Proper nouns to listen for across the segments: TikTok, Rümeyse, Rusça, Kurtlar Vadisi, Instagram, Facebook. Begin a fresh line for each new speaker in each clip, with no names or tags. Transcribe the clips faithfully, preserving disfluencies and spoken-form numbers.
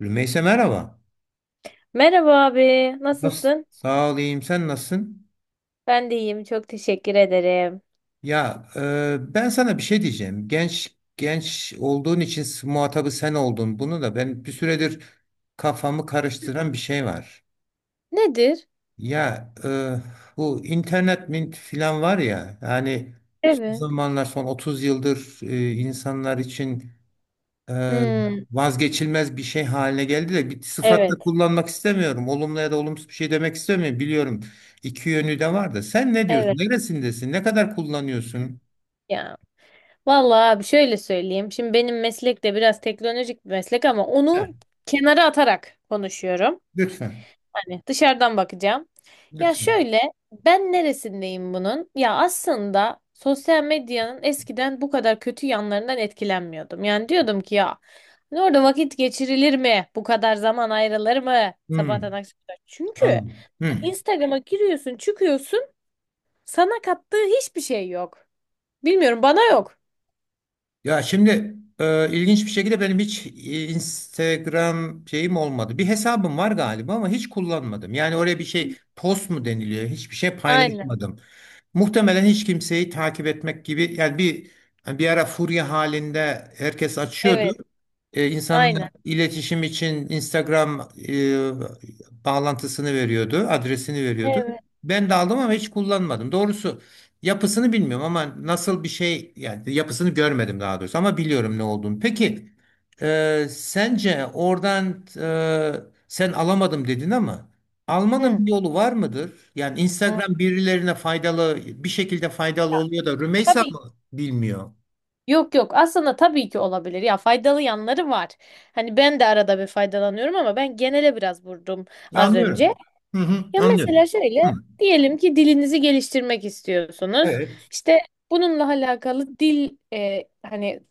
Rümeyse merhaba.
Merhaba abi,
Nasıl?
nasılsın?
Sağ olayım. Sen nasılsın?
Ben de iyiyim, çok teşekkür ederim.
Ya e, ben sana bir şey diyeceğim. Genç genç olduğun için s- muhatabı sen oldun. Bunu da ben bir süredir kafamı karıştıran bir şey var.
Nedir?
Ya e, bu internet mint filan var ya. Yani son
Evet.
zamanlar son otuz yıldır e, insanlar için e,
Hmm,
vazgeçilmez bir şey haline geldi de bir sıfat
evet,
da kullanmak istemiyorum. Olumlu ya da olumsuz bir şey demek istemiyorum. Biliyorum iki yönü de var da. Sen ne
evet
diyorsun? Neresindesin? Ne kadar kullanıyorsun?
ya. Vallahi abi şöyle söyleyeyim. Şimdi benim meslek de biraz teknolojik bir meslek ama
Heh,
onu kenara atarak konuşuyorum.
lütfen.
Yani dışarıdan bakacağım. Ya
Lütfen.
şöyle, ben neresindeyim bunun? Ya aslında sosyal medyanın eskiden bu kadar kötü yanlarından etkilenmiyordum. Yani diyordum ki ya hani orada vakit geçirilir mi? Bu kadar zaman ayrılır mı? Sabahtan
Hmm,
akşama kadar. Çünkü
anladım. Hmm.
Instagram'a giriyorsun, çıkıyorsun. Sana kattığı hiçbir şey yok. Bilmiyorum, bana yok.
Ya şimdi e, ilginç bir şekilde benim hiç e, Instagram şeyim olmadı. Bir hesabım var galiba ama hiç kullanmadım. Yani oraya bir şey post mu deniliyor? Hiçbir şey
Aynen.
paylaşmadım. Muhtemelen hiç kimseyi takip etmek gibi yani bir yani bir ara furya halinde herkes açıyordu.
Evet.
Ee, insanlar
Aynen.
iletişim için Instagram e, bağlantısını veriyordu, adresini veriyordu.
Evet.
Ben de aldım ama hiç kullanmadım. Doğrusu yapısını bilmiyorum ama nasıl bir şey yani yapısını görmedim daha doğrusu ama biliyorum ne olduğunu. Peki e, sence oradan e, sen alamadım dedin ama.
Hı.
Almanın bir yolu var mıdır? Yani
Hı.
Instagram birilerine faydalı bir şekilde faydalı oluyor da Rümeysa
Tabii.
mı bilmiyor?
Yok yok, aslında tabii ki olabilir, ya faydalı yanları var. Hani ben de arada bir faydalanıyorum ama ben genele biraz vurdum
Ya,
az önce.
anlıyorum. Hı hı,
Ya
anlıyorum.
mesela
Hı,
şöyle diyelim ki dilinizi geliştirmek istiyorsunuz.
evet.
İşte bununla alakalı dil e, hani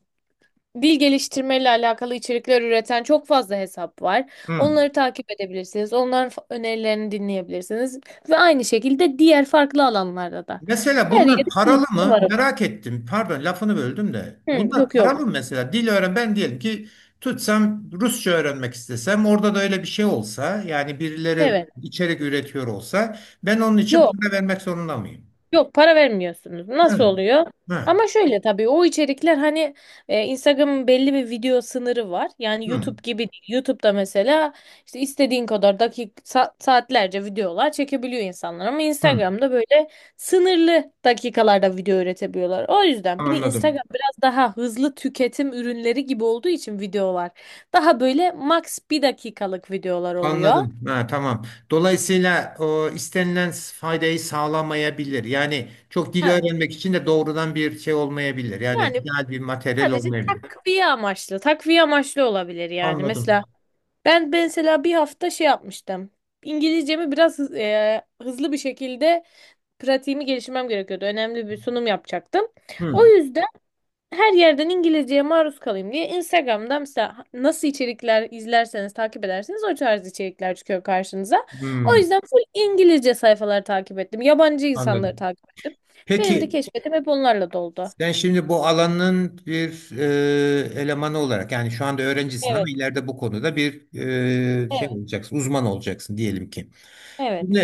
dil geliştirmeyle alakalı içerikler üreten çok fazla hesap var.
Hı.
Onları takip edebilirsiniz. Onların fa- önerilerini dinleyebilirsiniz ve aynı şekilde diğer farklı alanlarda da.
Mesela
Her yerde
bunlar
bilgi
paralı mı?
var.
Merak ettim. Pardon lafını böldüm de.
Hı,
Bunlar
yok yok.
paralı mı mesela? Dil öğren ben diyelim ki tutsam Rusça öğrenmek istesem orada da öyle bir şey olsa yani birileri
Evet.
içerik üretiyor olsa ben onun için
Yok.
para vermek zorunda mıyım?
Yok, para vermiyorsunuz. Nasıl
Yani.
oluyor?
Ha.
Ama şöyle, tabii o içerikler hani e, Instagram'ın belli bir video sınırı var. Yani
Hı.
YouTube gibi değil. YouTube'da mesela işte istediğin kadar dakik sa- saatlerce videolar çekebiliyor insanlar ama
Hı.
Instagram'da böyle sınırlı dakikalarda video üretebiliyorlar. O yüzden bir de
Anladım.
Instagram biraz daha hızlı tüketim ürünleri gibi olduğu için videolar daha böyle max bir dakikalık videolar oluyor.
Anladım. Ha, tamam. Dolayısıyla o istenilen faydayı sağlamayabilir. Yani çok dil
Ha.
öğrenmek için de doğrudan bir şey olmayabilir. Yani
Yani
ideal bir materyal
sadece
olmayabilir.
takviye amaçlı. Takviye amaçlı olabilir yani.
Anladım.
Mesela ben ben mesela bir hafta şey yapmıştım. İngilizcemi biraz hız- e, hızlı bir şekilde pratiğimi geliştirmem gerekiyordu. Önemli bir sunum yapacaktım. O
Hmm.
yüzden her yerden İngilizceye maruz kalayım diye Instagram'da mesela nasıl içerikler izlerseniz, takip ederseniz o tarz içerikler çıkıyor karşınıza. O
Hmm.
yüzden full İngilizce sayfaları takip ettim. Yabancı insanları
Anladım.
takip ettim. Benim de
Peki
keşfetim hep onlarla doldu.
sen şimdi bu alanın bir e, elemanı olarak yani şu anda öğrencisin ama
Evet,
ileride bu konuda bir e, şey
evet,
olacaksın, uzman olacaksın diyelim ki. Şimdi
evet.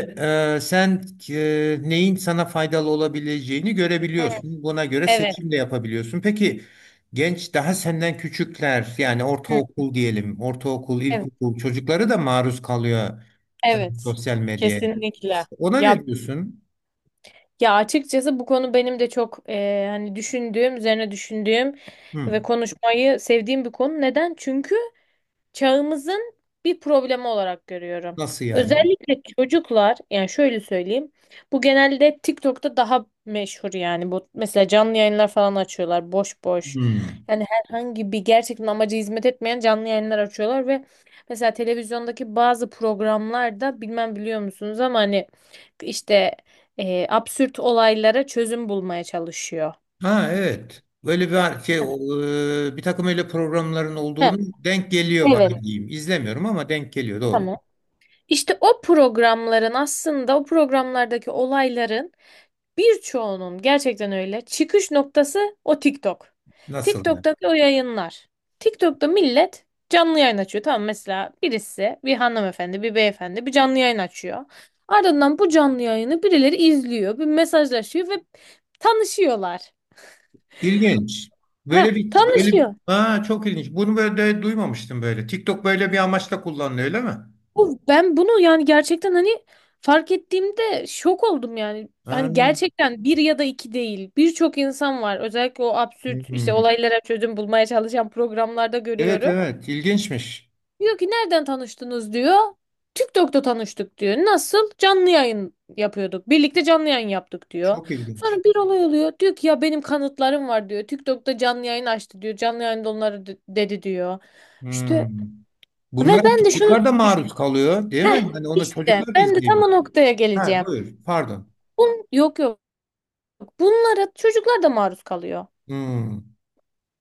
e, sen e, neyin sana faydalı olabileceğini
Hı,
görebiliyorsun. Buna göre
evet.
seçim de yapabiliyorsun. Peki genç daha senden küçükler yani
Hı,
ortaokul diyelim, ortaokul,
evet,
ilkokul çocukları da maruz kalıyor e,
evet.
sosyal medyaya.
Kesinlikle.
İşte ona
Ya,
ne diyorsun?
ya açıkçası bu konu benim de çok e, hani düşündüğüm, üzerine düşündüğüm ve
Hmm.
konuşmayı sevdiğim bir konu. Neden? Çünkü çağımızın bir problemi olarak görüyorum.
Nasıl yani?
Özellikle çocuklar, yani şöyle söyleyeyim. Bu genelde TikTok'ta daha meşhur, yani bu mesela canlı yayınlar falan açıyorlar boş boş.
Hmm.
Yani herhangi bir gerçekten amaca hizmet etmeyen canlı yayınlar açıyorlar ve mesela televizyondaki bazı programlarda bilmem biliyor musunuz ama hani işte e, absürt olaylara çözüm bulmaya çalışıyor.
Ha, evet. Böyle bir şey o, e, bir takım öyle programların
Heh,
olduğunu denk geliyor
evet.
bana diyeyim. İzlemiyorum ama denk geliyor doğru.
Tamam. İşte o programların, aslında o programlardaki olayların birçoğunun gerçekten öyle. Çıkış noktası o TikTok.
Nasıl yani?
TikTok'taki o yayınlar. TikTok'ta millet canlı yayın açıyor. Tamam, mesela birisi, bir hanımefendi bir beyefendi bir canlı yayın açıyor. Ardından bu canlı yayını birileri izliyor. Bir mesajlaşıyor ve tanışıyorlar.
İlginç.
Ha,
Böyle bir böyle
tanışıyor.
ha çok ilginç. Bunu böyle de duymamıştım böyle. TikTok böyle bir amaçla kullanılıyor öyle mi?
Bu- Ben bunu yani gerçekten hani fark ettiğimde şok oldum yani.
Ha.
Hani gerçekten bir ya da iki değil. Birçok insan var. Özellikle o absürt işte
Hmm.
olaylara çözüm bulmaya çalışan programlarda
Evet,
görüyorum.
evet, ilginçmiş.
Diyor ki nereden tanıştınız diyor. TikTok'ta tanıştık diyor. Nasıl? Canlı yayın yapıyorduk. Birlikte canlı yayın yaptık diyor.
Çok ilginç.
Sonra bir olay oluyor. Diyor ki ya benim kanıtlarım var diyor. TikTok'ta canlı yayın açtı diyor. Canlı yayında onları de- dedi diyor.
Hmm.
İşte
Bunlara
ve ben de şunu,
çocuklar da maruz kalıyor değil mi? Yani onu
İşte
çocuklar da
ben de tam
izleyebilir.
o noktaya
Ha,
geleceğim.
buyur pardon.
Bun, yok yok. Bunlara çocuklar da maruz kalıyor.
Hmm.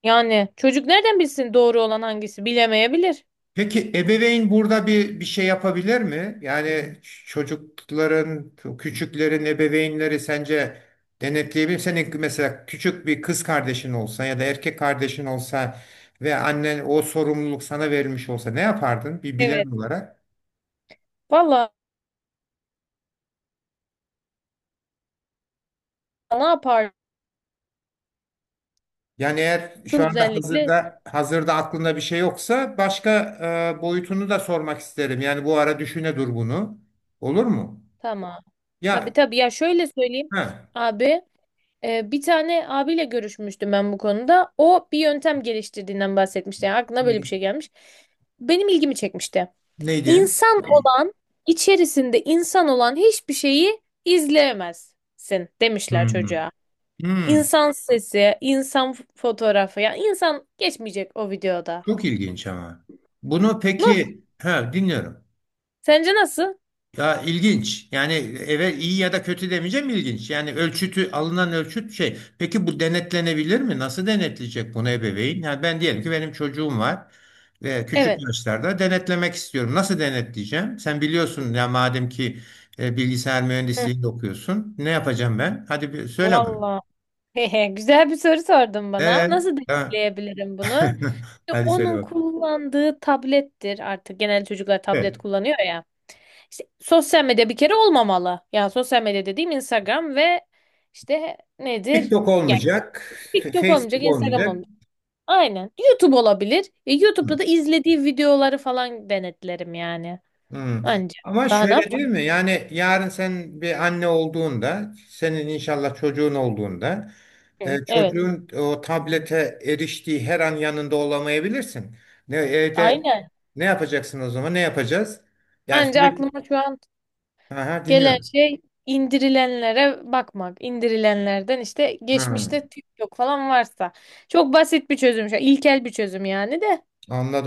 Yani çocuk nereden bilsin, doğru olan hangisi bilemeyebilir.
Peki ebeveyn burada bir bir şey yapabilir mi? Yani ç- çocukların, küçüklerin ebeveynleri sence denetleyebilir mi? Senin mesela küçük bir kız kardeşin olsa ya da erkek kardeşin olsa ve annen o sorumluluk sana verilmiş olsa ne yapardın bir bilen
Evet.
olarak?
Valla, ne yaparsın
Yani eğer şu anda
özellikle?
hazırda hazırda aklında bir şey yoksa başka e, boyutunu da sormak isterim. Yani bu ara düşüne dur bunu. Olur mu?
Tamam. Tabii
Ya,
tabii. Ya şöyle söyleyeyim.
ha.
Abi, e, bir tane abiyle görüşmüştüm ben bu konuda. O bir yöntem geliştirdiğinden bahsetmişti. Yani aklına böyle bir
Ne-
şey gelmiş. Benim ilgimi çekmişti.
Neydi?
İnsan olan, içerisinde insan olan hiçbir şeyi izleyemezsin demişler
Hmm.
çocuğa.
Hmm,
İnsan sesi, insan f- fotoğrafı, ya insan geçmeyecek o videoda.
çok ilginç ama. Bunu
Nasıl?
peki, ha dinliyorum.
Sence nasıl?
Ya, ilginç. Yani eve iyi ya da kötü demeyeceğim ilginç. Yani ölçütü alınan ölçüt şey. Peki bu denetlenebilir mi? Nasıl denetleyecek bunu ebeveyn? Yani ben diyelim ki benim çocuğum var ve küçük
Evet.
yaşlarda denetlemek istiyorum. Nasıl denetleyeceğim? Sen biliyorsun ya madem ki e, bilgisayar
Hı,
mühendisliğinde okuyorsun. Ne yapacağım ben? Hadi bir söyle bana.
vallahi. Hehe, güzel bir soru sordun bana.
Ee,
Nasıl
ha.
deneyimleyebilirim bunu? İşte
Hadi söyle
onun
bak.
kullandığı tablettir artık. Genel çocuklar tablet
Evet.
kullanıyor ya. İşte sosyal medya bir kere olmamalı. Yani sosyal medya dediğim Instagram ve işte nedir?
TikTok olmayacak, F-
TikTok olmayacak,
Facebook
Instagram
olmayacak.
olmayacak. Aynen. YouTube olabilir. E,
Hı,
YouTube'da da izlediği videoları falan denetlerim yani.
hı.
Anca.
Ama
Daha ne
şöyle
yapacağım
değil mi? Yani yarın sen bir anne olduğunda, senin inşallah çocuğun olduğunda,
ki?
e,
Evet.
çocuğun o tablete eriştiği her an yanında olamayabilirsin. Ne evde
Aynen.
ne yapacaksın o zaman? Ne yapacağız? Yani
Anca
sürekli
aklıma şu an
aha,
gelen
dinliyorum.
şey indirilenlere bakmak. İndirilenlerden işte
Ha,
geçmişte TikTok falan varsa. Çok basit bir çözüm. Şu an, ilkel bir çözüm yani de.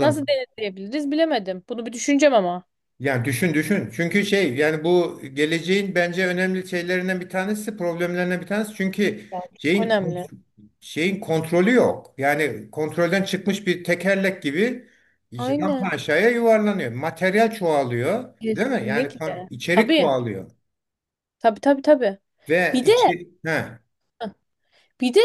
Nasıl denetleyebiliriz bilemedim. Bunu bir düşüneceğim ama.
Yani düşün düşün. Çünkü şey yani bu geleceğin bence önemli şeylerinden bir tanesi, problemlerinden bir tanesi. Çünkü
Ya, çok
şeyin
önemli.
kont- şeyin kontrolü yok. Yani kontrolden çıkmış bir tekerlek gibi
Aynen.
paşaya yuvarlanıyor. Materyal çoğalıyor, değil mi? Yani kon-
Kesinlikle.
içerik
Tabii.
çoğalıyor
Tabii tabii tabii.
ve
Bir de
içi ha,
Bir de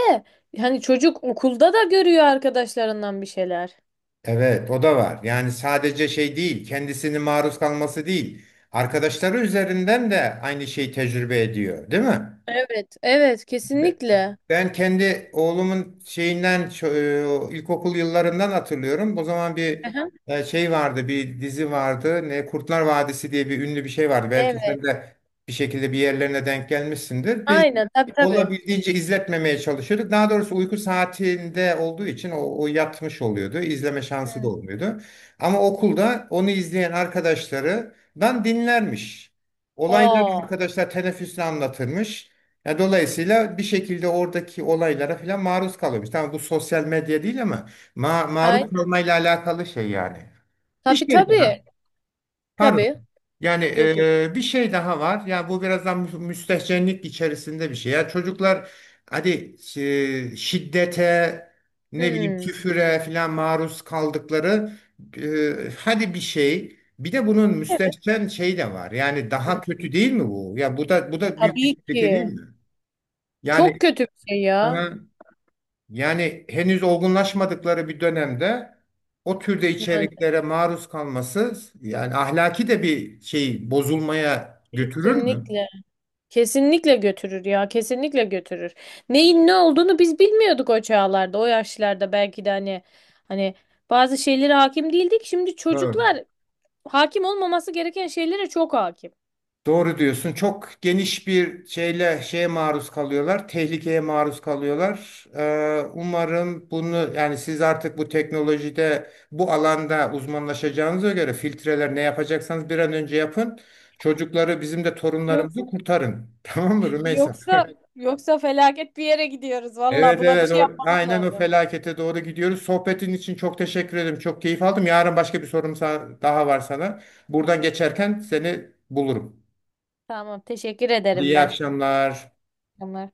hani çocuk okulda da görüyor arkadaşlarından bir şeyler.
evet, o da var. Yani sadece şey değil, kendisini maruz kalması değil. Arkadaşları üzerinden de aynı şeyi tecrübe ediyor, değil mi?
Evet, evet kesinlikle.
Ben kendi oğlumun şeyinden şu- e, ilkokul yıllarından hatırlıyorum. O zaman bir
Aha.
e, şey vardı, bir dizi vardı. Ne Kurtlar Vadisi diye bir ünlü bir şey vardı. Belki
Evet.
sen de bir şekilde bir yerlerine denk gelmişsindir. Biz
Aynen tabii tabii.
olabildiğince izletmemeye çalışıyorduk. Daha doğrusu uyku saatinde olduğu için o, o yatmış oluyordu. İzleme şansı da
Hmm.
olmuyordu. Ama okulda onu izleyen arkadaşlarından dinlermiş. Olayları
Aa,
arkadaşlar teneffüsle anlatırmış. Ya dolayısıyla bir şekilde oradaki olaylara falan maruz kalıyormuş. Tamam bu sosyal medya değil ama ma
ay,
maruz kalmayla alakalı şey yani. Bir
tabii
şey
tabii.
daha. Pardon.
Tabii.
Yani
Yok yok.
e, bir şey daha var. Ya bu biraz da mü- müstehcenlik içerisinde bir şey. Ya çocuklar hadi e, şiddete, ne bileyim
Hmm.
küfüre falan maruz kaldıkları e, hadi bir şey. Bir de bunun
Evet.
müstehcen şey de var. Yani
Hı.
daha kötü değil mi bu? Ya bu da bu da büyük bir
Tabii
tehlike değil
ki.
mi?
Çok kötü bir şey ya.
Yani yani henüz olgunlaşmadıkları bir dönemde o türde
Yani
içeriklere maruz kalması yani ahlaki de bir şey bozulmaya götürür mü?
kesinlikle. Kesinlikle götürür ya. Kesinlikle götürür. Neyin ne olduğunu biz bilmiyorduk o çağlarda, o yaşlarda belki de hani, hani bazı şeylere hakim değildik. Şimdi
Evet.
çocuklar hakim olmaması gereken şeylere çok hakim.
Doğru diyorsun. Çok geniş bir şeyle şeye maruz kalıyorlar. Tehlikeye maruz kalıyorlar. Ee, umarım bunu yani siz artık bu teknolojide bu alanda uzmanlaşacağınıza göre filtreler ne yapacaksanız bir an önce yapın. Çocukları bizim de torunlarımızı
Yoksa
kurtarın. Tamam mı Rümeysa?
yoksa yoksa felaket bir yere gidiyoruz. Valla
Evet,
buna bir
evet,
şey
o,
yapmamız
aynen o
lazım.
felakete doğru gidiyoruz. Sohbetin için çok teşekkür ederim. Çok keyif aldım. Yarın başka bir sorum sa- daha var sana. Buradan geçerken seni bulurum.
Tamam, teşekkür ederim
İyi
ben.
akşamlar.
Tamam.